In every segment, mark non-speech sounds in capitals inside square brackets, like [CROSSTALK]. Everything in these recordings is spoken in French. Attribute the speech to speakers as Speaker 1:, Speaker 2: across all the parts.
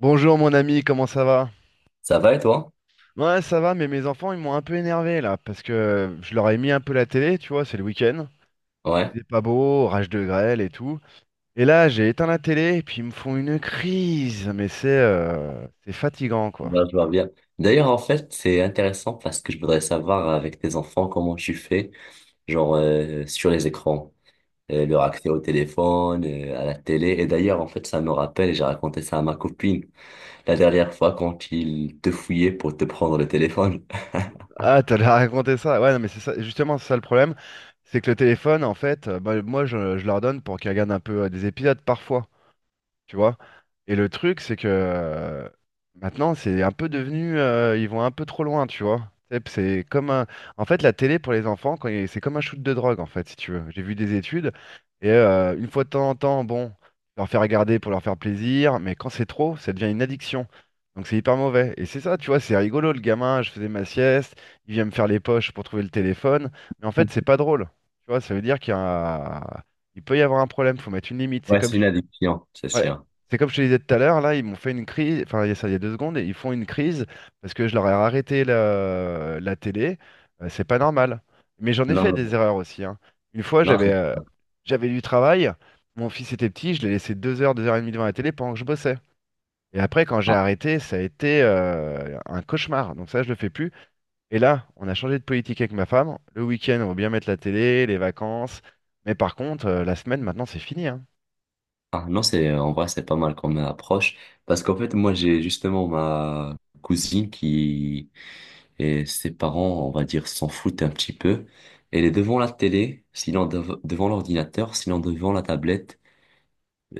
Speaker 1: Bonjour mon ami, comment ça va?
Speaker 2: Ça va et toi?
Speaker 1: Ouais, ça va, mais mes enfants, ils m'ont un peu énervé là, parce que je leur ai mis un peu la télé, tu vois, c'est le week-end.
Speaker 2: Ouais,
Speaker 1: Il est pas beau, rage de grêle et tout. Et là, j'ai éteint la télé, et puis ils me font une crise, mais c'est fatigant quoi.
Speaker 2: ben, je vois bien. D'ailleurs, en fait, c'est intéressant parce que je voudrais savoir avec tes enfants comment tu fais, genre sur les écrans, leur accès au téléphone, à la télé. Et d'ailleurs, en fait, ça me rappelle, et j'ai raconté ça à ma copine la dernière fois quand ils te fouillaient pour te prendre le téléphone. [LAUGHS]
Speaker 1: Ah, t'allais raconter ça? Ouais, non, mais c'est ça, justement, c'est ça le problème. C'est que le téléphone, en fait, bah, moi, je leur donne pour qu'ils regardent un peu des épisodes parfois. Tu vois. Et le truc, c'est que maintenant, c'est un peu devenu, ils vont un peu trop loin, tu vois. C'est comme un... En fait, la télé pour les enfants, c'est comme un shoot de drogue, en fait, si tu veux. J'ai vu des études, et une fois de temps en temps, bon, leur faire regarder pour leur faire plaisir, mais quand c'est trop, ça devient une addiction. Donc c'est hyper mauvais. Et c'est ça, tu vois, c'est rigolo, le gamin, je faisais ma sieste, il vient me faire les poches pour trouver le téléphone, mais en fait, c'est pas drôle. Tu vois, ça veut dire qu'il y a... un- il peut y avoir un problème, faut mettre une limite. C'est
Speaker 2: Ouais,
Speaker 1: comme.
Speaker 2: c'est une addiction, c'est
Speaker 1: Ouais.
Speaker 2: sûr.
Speaker 1: C'est comme je te disais tout à l'heure, là, ils m'ont fait une crise, enfin, il y a ça, il y a deux secondes, et ils font une crise parce que je leur ai arrêté la télé. C'est pas normal. Mais j'en ai
Speaker 2: Non,
Speaker 1: fait des erreurs aussi, hein. Une fois,
Speaker 2: non,
Speaker 1: j'avais
Speaker 2: c'est pas-
Speaker 1: j'avais du travail, mon fils était petit, je l'ai laissé deux heures et demie devant la télé pendant que je bossais. Et après, quand j'ai
Speaker 2: ah,
Speaker 1: arrêté, ça a été un cauchemar. Donc ça, je le fais plus. Et là, on a changé de politique avec ma femme. Le week-end, on va bien mettre la télé, les vacances. Mais par contre, la semaine, maintenant, c'est fini, hein.
Speaker 2: ah, non, c'est en vrai, c'est pas mal comme approche parce qu'en fait, moi, j'ai justement ma cousine qui et ses parents, on va dire, s'en foutent un petit peu. Elle est devant la télé, sinon devant l'ordinateur, sinon devant la tablette,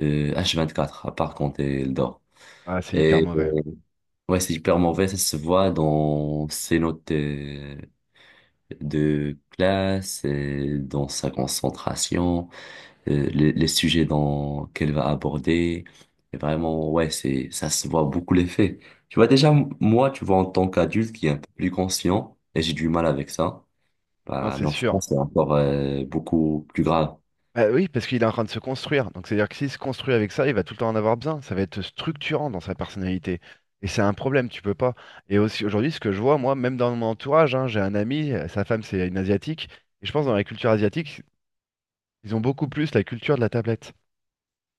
Speaker 2: h quatre à part quand elle dort.
Speaker 1: Ah, c'est hyper
Speaker 2: Et
Speaker 1: mauvais.
Speaker 2: ouais, c'est hyper mauvais, ça se voit dans ses notes de classe, et dans sa concentration, les sujets dans, qu'elle va aborder. Et vraiment, ouais, c'est, ça se voit beaucoup l'effet. Tu vois, déjà, moi, tu vois, en tant qu'adulte qui est un peu plus conscient, et j'ai du mal avec ça.
Speaker 1: Non,
Speaker 2: Bah,
Speaker 1: c'est
Speaker 2: en
Speaker 1: sûr.
Speaker 2: France, c'est encore beaucoup plus grave.
Speaker 1: Bah oui, parce qu'il est en train de se construire. Donc c'est-à-dire que s'il se construit avec ça, il va tout le temps en avoir besoin. Ça va être structurant dans sa personnalité. Et c'est un problème, tu peux pas. Et aussi aujourd'hui, ce que je vois, moi, même dans mon entourage, hein, j'ai un ami, sa femme, c'est une asiatique. Et je pense dans la culture asiatique, ils ont beaucoup plus la culture de la tablette.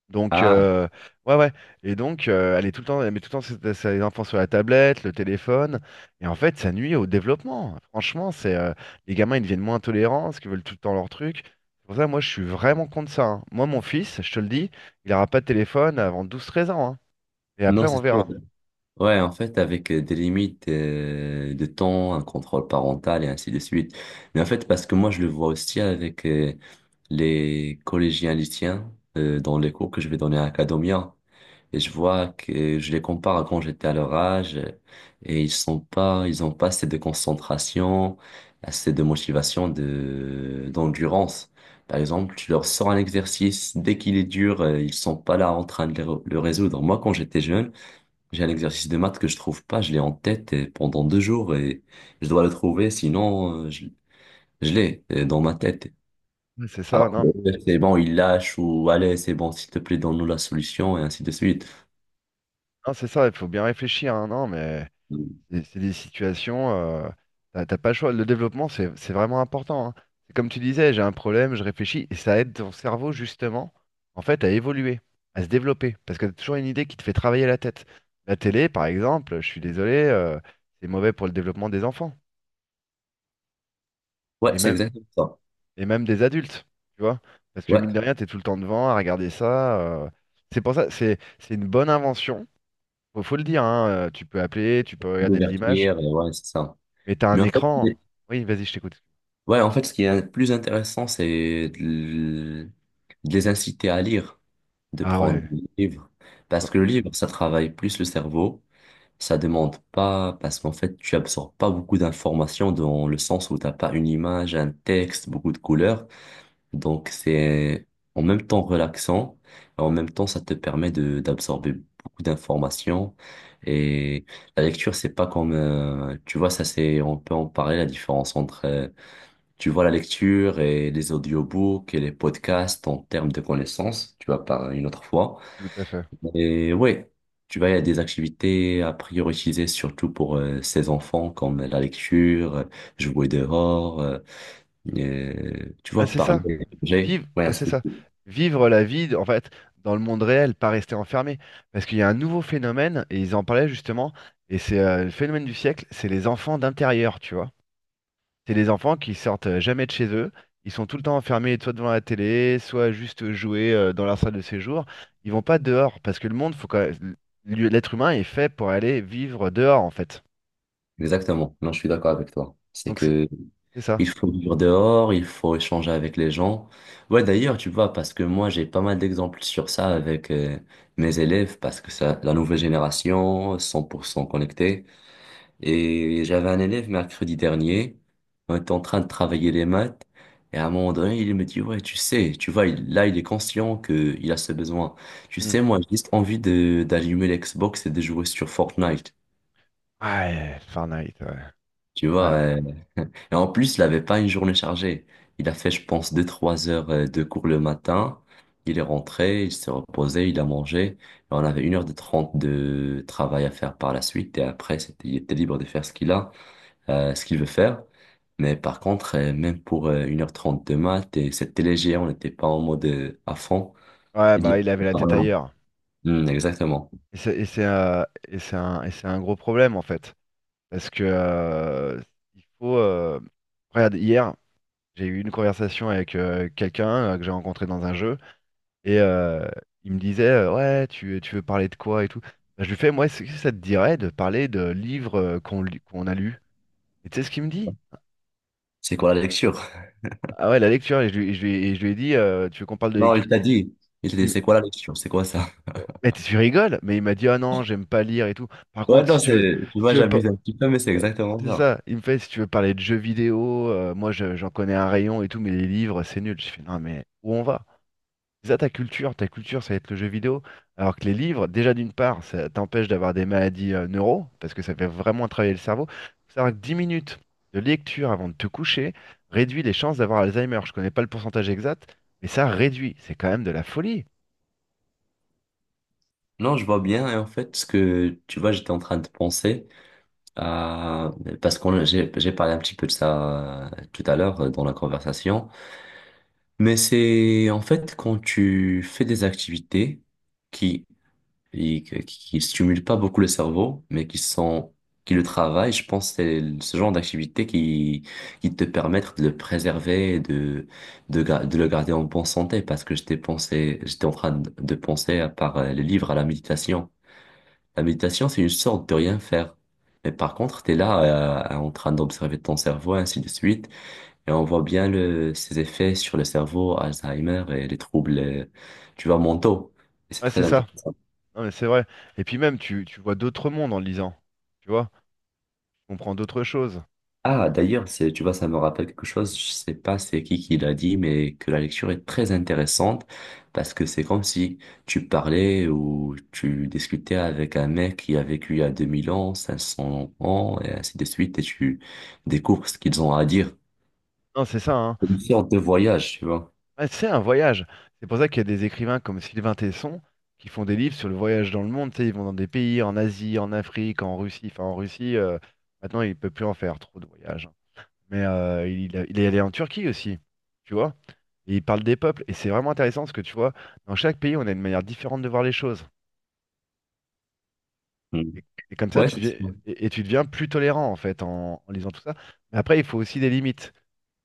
Speaker 1: Donc,
Speaker 2: Ah,
Speaker 1: ouais, ouais. Et donc, elle est tout le temps, elle met tout le temps ses enfants sur la tablette, le téléphone. Et en fait, ça nuit au développement. Franchement, c'est les gamins, ils deviennent moins tolérants parce qu'ils veulent tout le temps leur truc. C'est pour ça, moi, je suis vraiment contre ça, hein. Moi, mon fils, je te le dis, il n'aura pas de téléphone avant douze treize ans, hein. Et après,
Speaker 2: non,
Speaker 1: on
Speaker 2: c'est sûr.
Speaker 1: verra.
Speaker 2: Ouais, en fait, avec des limites de temps, un contrôle parental et ainsi de suite. Mais en fait, parce que moi, je le vois aussi avec les collégiens lycéens dans les cours que je vais donner à Academia. Et je vois que je les compare à quand j'étais à leur âge et ils sont pas, ils ont pas assez de concentration, assez de motivation, d'endurance. Par exemple, tu leur sors un exercice, dès qu'il est dur, ils sont pas là en train de le résoudre. Moi, quand j'étais jeune, j'ai un exercice de maths que je trouve pas, je l'ai en tête pendant deux jours et je dois le trouver, sinon je l'ai dans ma tête.
Speaker 1: Ouais, c'est ça,
Speaker 2: Alors que,
Speaker 1: non,
Speaker 2: c'est bon, ils lâchent ou allez, c'est bon, s'il te plaît, donne-nous la solution et ainsi de suite.
Speaker 1: non, c'est ça, il faut bien réfléchir, hein. Non, mais. C'est des situations, t'as pas le choix. Le développement, c'est vraiment important, hein. C'est comme tu disais, j'ai un problème, je réfléchis, et ça aide ton cerveau justement, en fait, à évoluer, à se développer, parce que t'as toujours une idée qui te fait travailler la tête. La télé, par exemple, je suis désolé, c'est mauvais pour le développement des enfants,
Speaker 2: Ouais,
Speaker 1: et
Speaker 2: c'est
Speaker 1: même,
Speaker 2: exactement ça.
Speaker 1: et même des adultes, tu vois, parce que mine
Speaker 2: Ouais,
Speaker 1: de rien, t'es tout le temps devant à regarder ça. C'est pour ça, c'est une bonne invention. Faut, faut le dire, hein, tu peux appeler, tu peux regarder de l'image,
Speaker 2: d'ouverture, ouais, c'est ça.
Speaker 1: mais t'as
Speaker 2: Mais
Speaker 1: un
Speaker 2: en fait,
Speaker 1: écran.
Speaker 2: les-
Speaker 1: Oui, vas-y, je t'écoute.
Speaker 2: ouais, en fait, ce qui est le plus intéressant, c'est de les inciter à lire, de
Speaker 1: Ah
Speaker 2: prendre
Speaker 1: ouais,
Speaker 2: des livres.
Speaker 1: oh,
Speaker 2: Parce que le livre, ça travaille plus le cerveau, ça demande pas, parce qu'en fait, tu absorbes pas beaucoup d'informations dans le sens où t'as pas une image, un texte, beaucoup de couleurs. Donc, c'est en même temps relaxant et en même temps, ça te permet de d'absorber beaucoup d'informations. Et la lecture, c'est pas comme, tu vois, ça c'est, on peut en parler, la différence entre, tu vois, la lecture et les audiobooks et les podcasts en termes de connaissances, tu vas par une autre fois.
Speaker 1: tout à fait.
Speaker 2: Et ouais, tu vois, il y a des activités à prioriser, surtout pour ces enfants, comme la lecture, jouer dehors, et, tu
Speaker 1: Ah
Speaker 2: vois,
Speaker 1: c'est ça,
Speaker 2: parler.
Speaker 1: vivre,
Speaker 2: Ouais,
Speaker 1: ah, c'est ça, vivre la vie en fait dans le monde réel, pas rester enfermé, parce qu'il y a un nouveau phénomène et ils en parlaient justement et c'est le phénomène du siècle, c'est les enfants d'intérieur, tu vois. C'est les enfants qui sortent jamais de chez eux, ils sont tout le temps enfermés soit devant la télé, soit juste jouer dans leur salle de séjour. Ils vont pas dehors parce que le monde, faut quand l'être humain est fait pour aller vivre dehors en fait.
Speaker 2: exactement. Non, je suis d'accord avec toi. C'est
Speaker 1: Donc c'est
Speaker 2: que
Speaker 1: c'est
Speaker 2: il
Speaker 1: ça.
Speaker 2: faut vivre dehors, il faut échanger avec les gens. Ouais, d'ailleurs, tu vois, parce que moi, j'ai pas mal d'exemples sur ça avec mes élèves, parce que ça, la nouvelle génération, 100% connectée. Et j'avais un élève mercredi dernier, on était en train de travailler les maths, et à un moment donné, il me dit, ouais, tu sais, tu vois, là, il est conscient que il a ce besoin. Tu
Speaker 1: Hmm.
Speaker 2: sais, moi, j'ai juste envie de d'allumer l'Xbox et de jouer sur Fortnite.
Speaker 1: Ouais, Fahrenheit, ouais.
Speaker 2: Tu vois,
Speaker 1: Ouais.
Speaker 2: et en plus, il n'avait pas une journée chargée. Il a fait, je pense, deux-trois heures de cours le matin. Il est rentré, il s'est reposé, il a mangé. Et on avait une heure de 30 de travail à faire par la suite. Et après, c'était, il était libre de faire ce qu'il a, ce qu'il veut faire. Mais par contre, même pour 1h30 de maths, et c'était léger, on n'était pas en mode à fond.
Speaker 1: Ouais, bah il avait la tête
Speaker 2: Vraiment.
Speaker 1: ailleurs.
Speaker 2: Hmm, exactement.
Speaker 1: Et c'est et c'est, et c'est un gros problème en fait. Parce que il faut. Regarde, hier, j'ai eu une conversation avec quelqu'un que j'ai rencontré dans un jeu. Et il me disait ouais, tu veux parler de quoi et tout. Bah, je lui fais moi, est-ce que ça te dirait de parler de livres qu'on a lus? Et tu sais ce qu'il me dit?
Speaker 2: C'est quoi la lecture?
Speaker 1: Ah ouais, la lecture. Et je lui, et je lui- et je lui ai dit tu veux qu'on parle de
Speaker 2: Non,
Speaker 1: lecture?
Speaker 2: il t'a dit. Il t'a dit,
Speaker 1: Il-
Speaker 2: c'est quoi la lecture? C'est quoi ça?
Speaker 1: Mais tu rigoles? Mais il m'a dit ah non, j'aime pas lire et tout. Par
Speaker 2: Ouais,
Speaker 1: contre,
Speaker 2: non,
Speaker 1: si tu veux.
Speaker 2: c'est, tu
Speaker 1: Si tu
Speaker 2: vois,
Speaker 1: veux pas...
Speaker 2: j'abuse un petit peu, mais c'est exactement
Speaker 1: C'est
Speaker 2: ça.
Speaker 1: ça. Il me fait, si tu veux parler de jeux vidéo, j'en connais un rayon et tout, mais les livres, c'est nul. Je fais, non, mais où on va? C'est ça ta culture, ça va être le jeu vidéo. Alors que les livres, déjà d'une part, ça t'empêche d'avoir des maladies neuro, parce que ça fait vraiment travailler le cerveau. Faut savoir que 10 minutes de lecture avant de te coucher réduit les chances d'avoir Alzheimer. Je connais pas le pourcentage exact, mais ça réduit. C'est quand même de la folie.
Speaker 2: Non, je vois bien. Et en fait, ce que tu vois, j'étais en train de penser à parce qu'on j'ai parlé un petit peu de ça tout à l'heure dans la conversation. Mais c'est en fait quand tu fais des activités qui qui stimulent pas beaucoup le cerveau, mais qui sont qui le travaillent. Je pense que c'est ce genre d'activités qui te permettent de le préserver, et de le garder en bonne santé. Parce que j'étais pensé, j'étais en train de penser à part les livres à la méditation. La méditation, c'est une sorte de rien faire. Mais par contre, t'es là, en train d'observer ton cerveau, ainsi de suite, et on voit bien le, ses effets sur le cerveau, Alzheimer et les troubles, tu vois, mentaux. Et c'est
Speaker 1: Ouais,
Speaker 2: très
Speaker 1: c'est ça.
Speaker 2: intéressant.
Speaker 1: Non, mais c'est vrai. Et puis même, tu vois d'autres mondes en lisant. Tu vois, tu comprends d'autres choses.
Speaker 2: Ah, d'ailleurs, c'est, tu vois, ça me rappelle quelque chose, je sais pas c'est qui l'a dit, mais que la lecture est très intéressante parce que c'est comme si tu parlais ou tu discutais avec un mec qui a vécu il y a 2000 ans, 500 ans, et ainsi de suite, et tu découvres ce qu'ils ont à dire.
Speaker 1: Non, c'est ça, hein.
Speaker 2: C'est une sorte de voyage, tu vois.
Speaker 1: Ouais, c'est un voyage. C'est pour ça qu'il y a des écrivains comme Sylvain Tesson qui font des livres sur le voyage dans le monde. Tu sais, ils vont dans des pays, en Asie, en Afrique, en Russie. Enfin, en Russie, maintenant, il peut plus en faire trop de voyages, hein. Mais il est allé en Turquie aussi, tu vois. Et il parle des peuples. Et c'est vraiment intéressant parce que tu vois, dans chaque pays, on a une manière différente de voir les choses.
Speaker 2: Mm.
Speaker 1: Et, et comme ça,
Speaker 2: Ouais,
Speaker 1: tu
Speaker 2: c'est
Speaker 1: deviens,
Speaker 2: sûr.
Speaker 1: et tu deviens plus tolérant en fait en lisant tout ça. Mais après, il faut aussi des limites.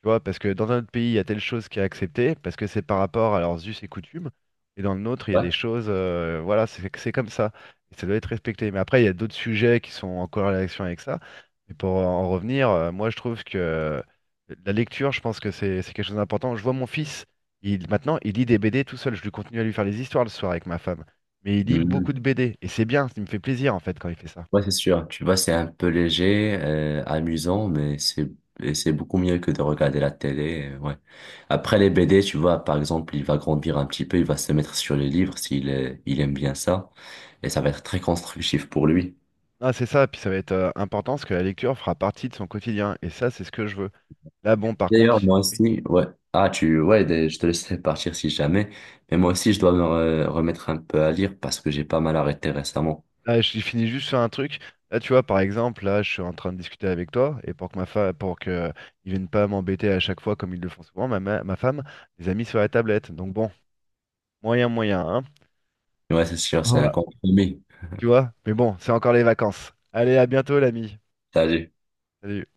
Speaker 1: Tu vois, parce que dans un autre pays, il y a telle chose qui est acceptée, parce que c'est par rapport à leurs us et coutumes. Et dans le nôtre, il y a des
Speaker 2: Ouais.
Speaker 1: choses, voilà, c'est comme ça. Et ça doit être respecté. Mais après, il y a d'autres sujets qui sont en corrélation avec ça. Et pour en revenir, moi, je trouve que la lecture, je pense que c'est quelque chose d'important. Je vois mon fils, maintenant, il lit des BD tout seul. Je lui continue à lui faire les histoires le soir avec ma femme mais il lit beaucoup
Speaker 2: Mm.
Speaker 1: de BD. Et c'est bien, ça me fait plaisir en fait quand il fait ça.
Speaker 2: Ouais, c'est sûr. Tu vois, c'est un peu léger, amusant, mais c'est et c'est beaucoup mieux que de regarder la télé. Ouais. Après les BD, tu vois, par exemple, il va grandir un petit peu, il va se mettre sur les livres il aime bien ça, et ça va être très constructif pour lui.
Speaker 1: Ah, c'est ça, puis ça va être important parce que la lecture fera partie de son quotidien. Et ça, c'est ce que je veux. Là, bon, par contre,
Speaker 2: D'ailleurs, moi
Speaker 1: oui.
Speaker 2: aussi, ouais. Ah, tu, ouais, je te laisserai partir si jamais. Mais moi aussi, je dois me remettre un peu à lire parce que j'ai pas mal arrêté récemment.
Speaker 1: Là, je finis juste sur un truc. Là, tu vois, par exemple, là, je suis en train de discuter avec toi, et pour que ma femme, pour que ils viennent pas m'embêter à chaque fois comme ils le font souvent, ma femme les a mis sur la tablette. Donc bon, moyen, moyen, hein.
Speaker 2: Ouais, c'est sûr, c'est un
Speaker 1: Ouais.
Speaker 2: compromis.
Speaker 1: Tu vois? Mais bon, c'est encore les vacances. Allez, à bientôt, l'ami.
Speaker 2: Salut.
Speaker 1: Salut.